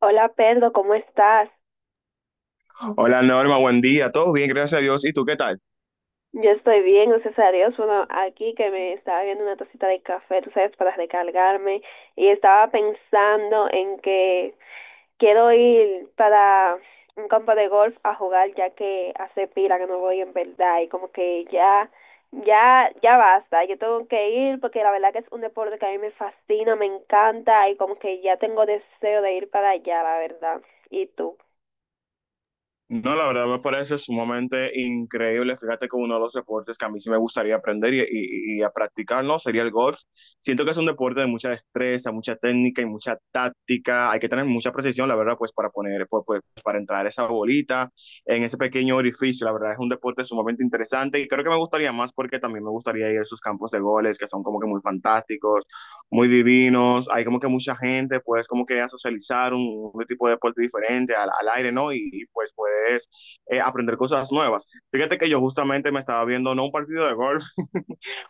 Hola Pedro, ¿cómo estás? Hola Norma, buen día. Todo bien, gracias a Dios. ¿Y tú qué tal? Yo estoy bien, gracias a Dios. Bueno, aquí que me estaba viendo una tacita de café, tú sabes, para recargarme y estaba pensando en que quiero ir para un campo de golf a jugar ya que hace pila que no voy en verdad y como que ya, ya, ya basta. Yo tengo que ir porque la verdad que es un deporte que a mí me fascina, me encanta y como que ya tengo deseo de ir para allá, la verdad. ¿Y tú? No, la verdad me parece sumamente increíble. Fíjate que uno de los deportes que a mí sí me gustaría aprender y a practicar, ¿no? Sería el golf. Siento que es un deporte de mucha destreza, mucha técnica y mucha táctica. Hay que tener mucha precisión, la verdad, pues para poner, pues, para entrar esa bolita en ese pequeño orificio. La verdad es un deporte sumamente interesante y creo que me gustaría más porque también me gustaría ir a esos campos de goles que son como que muy fantásticos, muy divinos. Hay como que mucha gente, pues como que a socializar un tipo de deporte diferente al aire, ¿no? Y pues puedes aprender cosas nuevas. Fíjate que yo justamente me estaba viendo, no un partido de golf,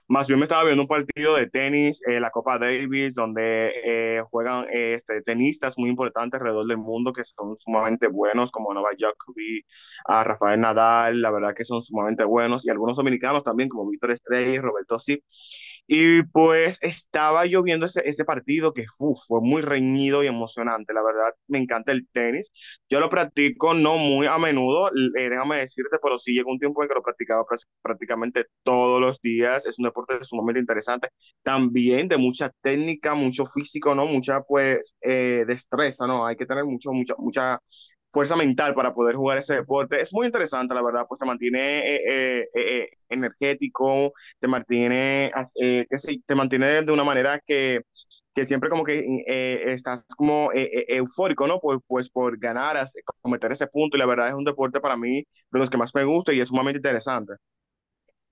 más bien me estaba viendo un partido de tenis, la Copa Davis, donde juegan tenistas muy importantes alrededor del mundo que son sumamente buenos, como Novak Djokovic, a Rafael Nadal. La verdad que son sumamente buenos, y algunos dominicanos también, como Víctor Estrella y Roberto Sip. Y pues estaba yo viendo ese partido que, uf, fue muy reñido y emocionante. La verdad, me encanta el tenis, yo lo practico no muy a menudo, déjame decirte, pero sí llegó un tiempo en que lo practicaba prácticamente todos los días. Es un deporte sumamente interesante, también de mucha técnica, mucho físico, ¿no? Mucha, pues, destreza, ¿no? Hay que tener mucha fuerza mental para poder jugar ese deporte. Es muy interesante, la verdad, pues te mantiene energético, te mantiene, que sí, te mantiene de una manera que siempre como que estás como eufórico, ¿no? Pues, por ganar, cometer ese punto. Y la verdad es un deporte para mí de los que más me gusta y es sumamente interesante.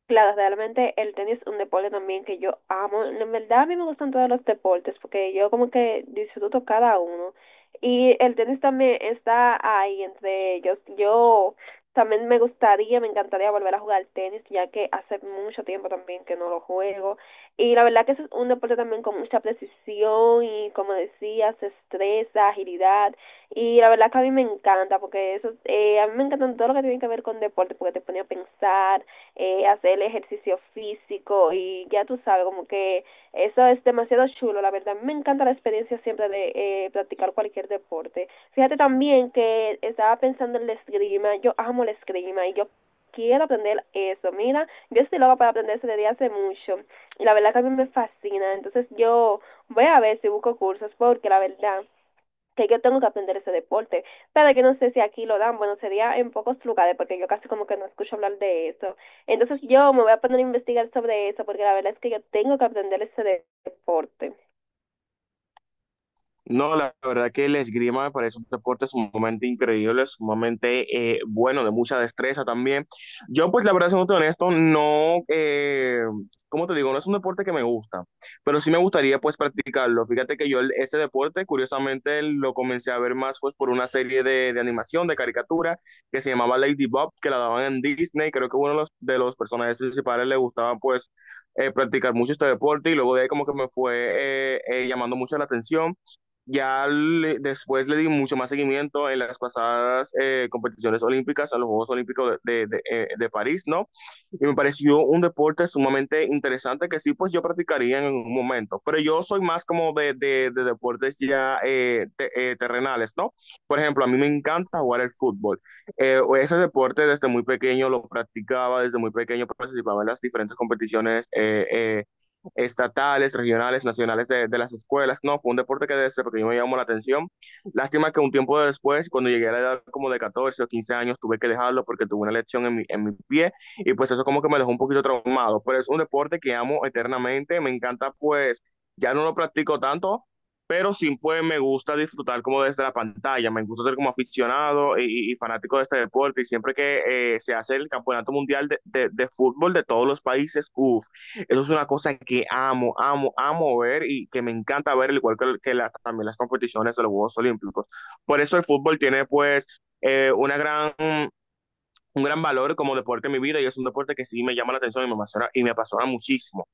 Claro, realmente el tenis es un deporte también que yo amo. En verdad a mí me gustan todos los deportes porque yo como que disfruto cada uno. Y el tenis también está ahí entre ellos. Yo también me gustaría, me encantaría volver a jugar tenis ya que hace mucho tiempo también que no lo juego. Y la verdad que es un deporte también con mucha precisión y como decías, destreza, agilidad. Y la verdad que a mí me encanta porque eso, a mí me encantan todo lo que tiene que ver con deporte porque te pone a pensar hacer el ejercicio físico y ya tú sabes, como que eso es demasiado chulo, la verdad. Me encanta la experiencia siempre de practicar cualquier deporte. Fíjate también que estaba pensando en la esgrima, yo amo la esgrima y yo quiero aprender eso. Mira, yo estoy loca para aprender eso desde hace mucho y la verdad que a mí me fascina. Entonces yo voy a ver si busco cursos porque la verdad que yo tengo que aprender ese deporte. Sabe que no sé si aquí lo dan, bueno, sería en pocos lugares porque yo casi como que no escucho hablar de eso. Entonces yo me voy a poner a investigar sobre eso porque la verdad es que yo tengo que aprender deporte. No, la verdad que el esgrima me parece un deporte sumamente increíble, sumamente, bueno, de mucha destreza también. Yo, pues, la verdad, siendo honesto, no, ¿cómo te digo? No es un deporte que me gusta, pero sí me gustaría, pues, practicarlo. Fíjate que este deporte, curiosamente, lo comencé a ver más, pues, por una serie de animación, de caricatura, que se llamaba Lady Bob, que la daban en Disney. Creo que uno de los personajes principales le gustaba, pues, practicar mucho este deporte, y luego de ahí como que me fue llamando mucho la atención. Ya después le di mucho más seguimiento en las pasadas competiciones olímpicas, a los Juegos Olímpicos de París, ¿no? Y me pareció un deporte sumamente interesante que sí, pues yo practicaría en un momento, pero yo soy más como de deportes ya terrenales, ¿no? Por ejemplo, a mí me encanta jugar el fútbol. Ese deporte desde muy pequeño lo practicaba, desde muy pequeño participaba en las diferentes competiciones, estatales, regionales, nacionales de las escuelas. No, fue un deporte que desde pequeño me llamó la atención. Lástima que un tiempo después, cuando llegué a la edad como de 14 o 15 años, tuve que dejarlo porque tuve una lesión en mi pie, y pues eso como que me dejó un poquito traumado. Pero es un deporte que amo eternamente, me encanta, pues ya no lo practico tanto, pero sí pues me gusta disfrutar como desde la pantalla, me gusta ser como aficionado y fanático de este deporte. Y siempre que se hace el Campeonato Mundial de Fútbol de todos los países, uff, eso es una cosa que amo, amo, amo ver, y que me encanta ver, al igual que, también las competiciones de los Juegos Olímpicos. Por eso el fútbol tiene, pues, una gran, un gran valor como deporte en mi vida, y es un deporte que sí me llama la atención y me apasiona muchísimo.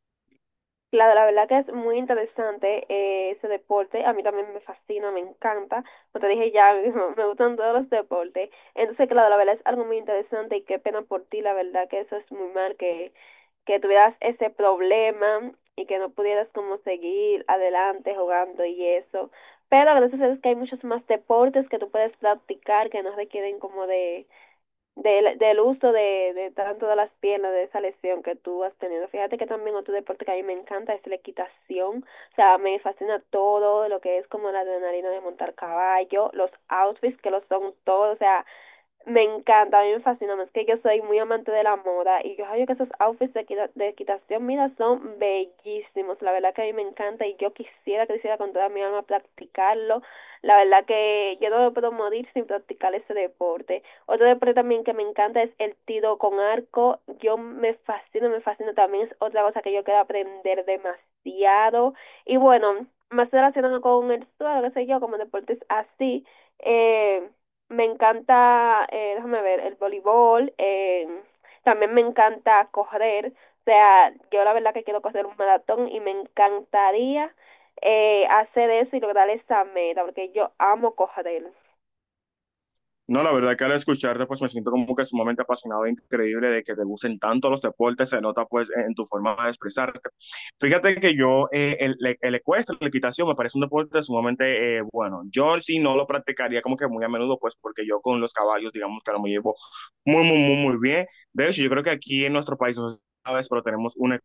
Claro, la verdad que es muy interesante ese deporte. A mí también me fascina, me encanta. Como te dije ya, me gustan todos los deportes. Entonces, claro, la verdad es algo muy interesante y qué pena por ti, la verdad que eso es muy mal, que tuvieras ese problema y que no pudieras como seguir adelante jugando y eso. Pero gracias a Dios que hay muchos más deportes que tú puedes practicar que no requieren como de del uso de tanto de las piernas, de esa lesión que tú has tenido. Fíjate que también otro deporte que a mí me encanta es la equitación. O sea, me fascina todo lo que es como la adrenalina de montar caballo, los outfits que lo son todo. O sea, me encanta, a mí me fascina, es que yo soy muy amante de la moda y yo sabía que esos outfits de equitación, mira, son bellísimos, la verdad que a mí me encanta y yo quisiera, quisiera con toda mi alma practicarlo, la verdad que yo no me puedo morir sin practicar ese deporte. Otro deporte también que me encanta es el tiro con arco, yo me fascino también, es otra cosa que yo quiero aprender demasiado y bueno, más relacionado con el suelo, qué sé yo, como deportes así. Eh, Me encanta, déjame ver, el voleibol, también me encanta correr, o sea, yo la verdad que quiero correr un maratón y me encantaría hacer eso y lograr esa meta, porque yo amo correr. No, la verdad que al escucharte, pues me siento como que sumamente apasionado e increíble de que te gusten tanto los deportes, se nota pues en tu forma de expresarte. Fíjate que yo, el ecuestre, la equitación, me parece un deporte sumamente, bueno. Yo sí no lo practicaría como que muy a menudo, pues porque yo con los caballos, digamos que ahora me llevo muy, muy, muy, muy bien. De hecho, yo creo que aquí en nuestro país, no sé si sabes, pero tenemos una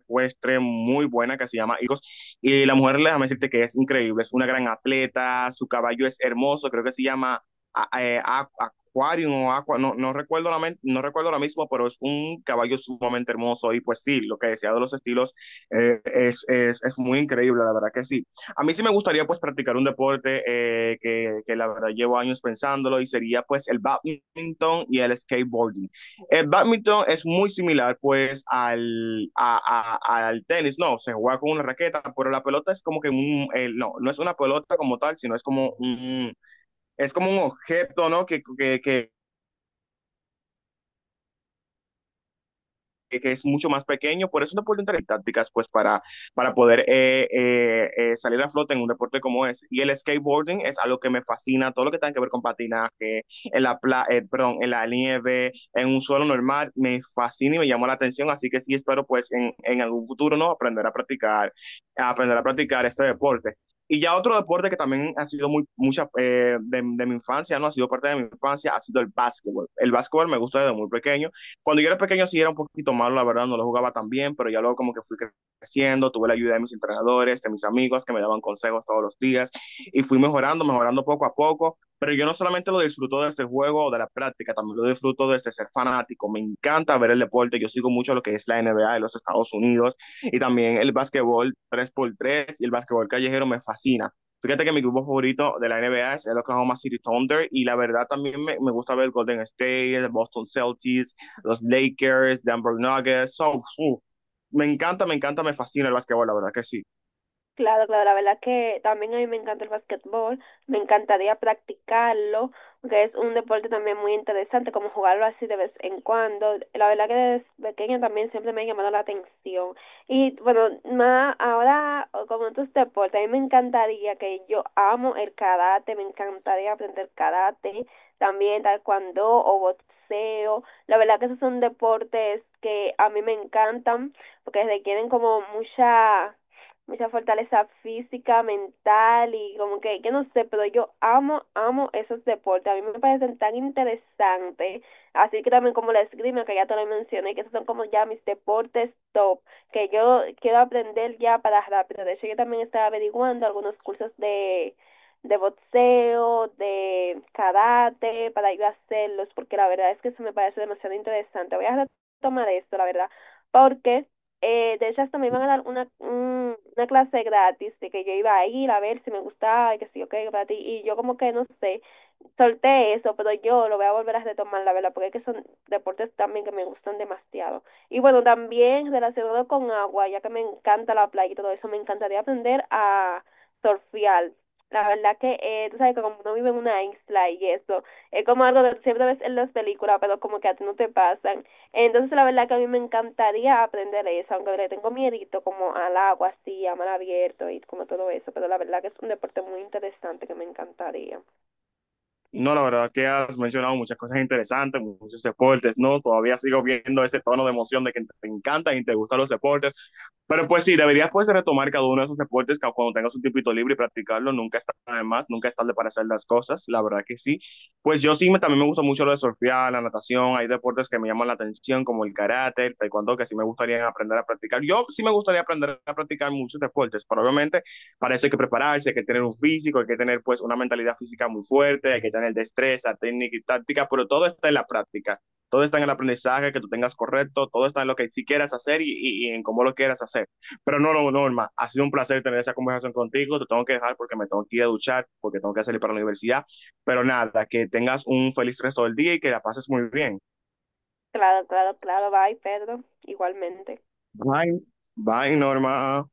ecuestre muy buena que se llama Iros. Y la mujer, déjame decirte que es increíble, es una gran atleta, su caballo es hermoso, creo que se llama, Aquarium o Aqua, no, no recuerdo la, men- no recuerdo ahora mismo, pero es un caballo sumamente hermoso. Y pues sí, lo que decía de los estilos, es muy increíble, la verdad que sí. A mí sí me gustaría, pues, practicar un deporte, que, la verdad llevo años pensándolo, y sería, pues, el badminton y el skateboarding. El bádminton es muy similar, pues, al tenis, no, se juega con una raqueta, pero la pelota es como que un, no, no es una pelota como tal, sino es como un objeto, ¿no? Que es mucho más pequeño, por eso te pueden tener tácticas pues para, poder salir a flote en un deporte como ese. Y el skateboarding es algo que me fascina, todo lo que tenga que ver con patinaje, en la, pla perdón, en la nieve, en un suelo normal, me fascina y me llamó la atención. Así que sí, espero pues en algún futuro, ¿no?, aprender a practicar este deporte. Y ya otro deporte que también ha sido muy, mucha de mi infancia, no, ha sido parte de mi infancia, ha sido el básquetbol. El básquetbol me gusta desde muy pequeño. Cuando yo era pequeño sí era un poquito malo, la verdad, no lo jugaba tan bien, pero ya luego como que fui creciendo, tuve la ayuda de mis entrenadores, de mis amigos que me daban consejos todos los días, y fui mejorando, mejorando poco a poco. Pero yo no solamente lo disfruto de este juego o de la práctica, también lo disfruto desde ser fanático, me encanta ver el deporte. Yo sigo mucho lo que es la NBA de los Estados Unidos, y también el básquetbol 3x3, y el básquetbol callejero me fascina. Fíjate que mi equipo favorito de la NBA es el Oklahoma City Thunder, y la verdad también me gusta ver Golden State, el Boston Celtics, los Lakers, Denver Nuggets. Me encanta, me encanta, me fascina el básquetbol, la verdad que sí. Claro, claro, la verdad que también a mí me encanta el basquetbol, me encantaría practicarlo, porque es un deporte también muy interesante, como jugarlo así de vez en cuando. La verdad que desde pequeña también siempre me ha llamado la atención. Y bueno, más ahora o con otros deportes, a mí me encantaría que yo amo el karate, me encantaría aprender karate, también taekwondo o boxeo. La verdad que esos son deportes que a mí me encantan, porque requieren como mucha mucha fortaleza física, mental y como que, yo no sé, pero yo amo, amo esos deportes. A mí me parecen tan interesantes. Así que también como la esgrima, que ya te lo mencioné, que esos son como ya mis deportes top, que yo quiero aprender ya para rápido. De hecho, yo también estaba averiguando algunos cursos de boxeo, de karate, para ir a hacerlos, porque la verdad es que eso me parece demasiado interesante. Voy a retomar esto, la verdad, porque de hecho, hasta me iban a dar una clase gratis de que yo iba a ir a ver si me gustaba y que sí, ok, para ti. Y yo como que no sé, solté eso, pero yo lo voy a volver a retomar, la verdad, porque es que son deportes también que me gustan demasiado. Y bueno, también relacionado con agua, ya que me encanta la playa y todo eso, me encantaría aprender a surfear. La verdad que, tú sabes que como uno vive en una isla y eso, es como algo que siempre ves en las películas, pero como que a ti no te pasan. Entonces, la verdad que a mí me encantaría aprender eso, aunque le tengo miedito como al agua, así, a mar abierto y como todo eso, pero la verdad que es un deporte muy interesante que me encantaría. No, la verdad que has mencionado muchas cosas interesantes, muchos deportes, ¿no? Todavía sigo viendo ese tono de emoción de que te encantan y te gustan los deportes. Pero pues sí, deberías pues retomar cada uno de esos deportes que cuando tengas un tipito libre y practicarlo, nunca está de más, nunca es tarde para hacer las cosas, la verdad que sí. Pues yo sí, también me gusta mucho lo de surfear, la natación. Hay deportes que me llaman la atención como el karate, el taekwondo, que sí me gustaría aprender a practicar. Yo sí me gustaría aprender a practicar muchos deportes, pero obviamente para eso hay que prepararse, hay que tener un físico, hay que tener, pues, una mentalidad física muy fuerte, hay que tener destreza, técnica y táctica, pero todo está en la práctica, todo está en el aprendizaje que tú tengas correcto, todo está en lo que sí quieras hacer y, y en cómo lo quieras hacer. Pero no, no, no, Norma, ha sido un placer tener esa conversación contigo, te tengo que dejar porque me tengo que ir a duchar, porque tengo que salir para la universidad, pero nada, que tengas un feliz resto del día y que la pases muy bien. Claro, claro, claro, bye, Pedro, igualmente. Bye, bye, Norma.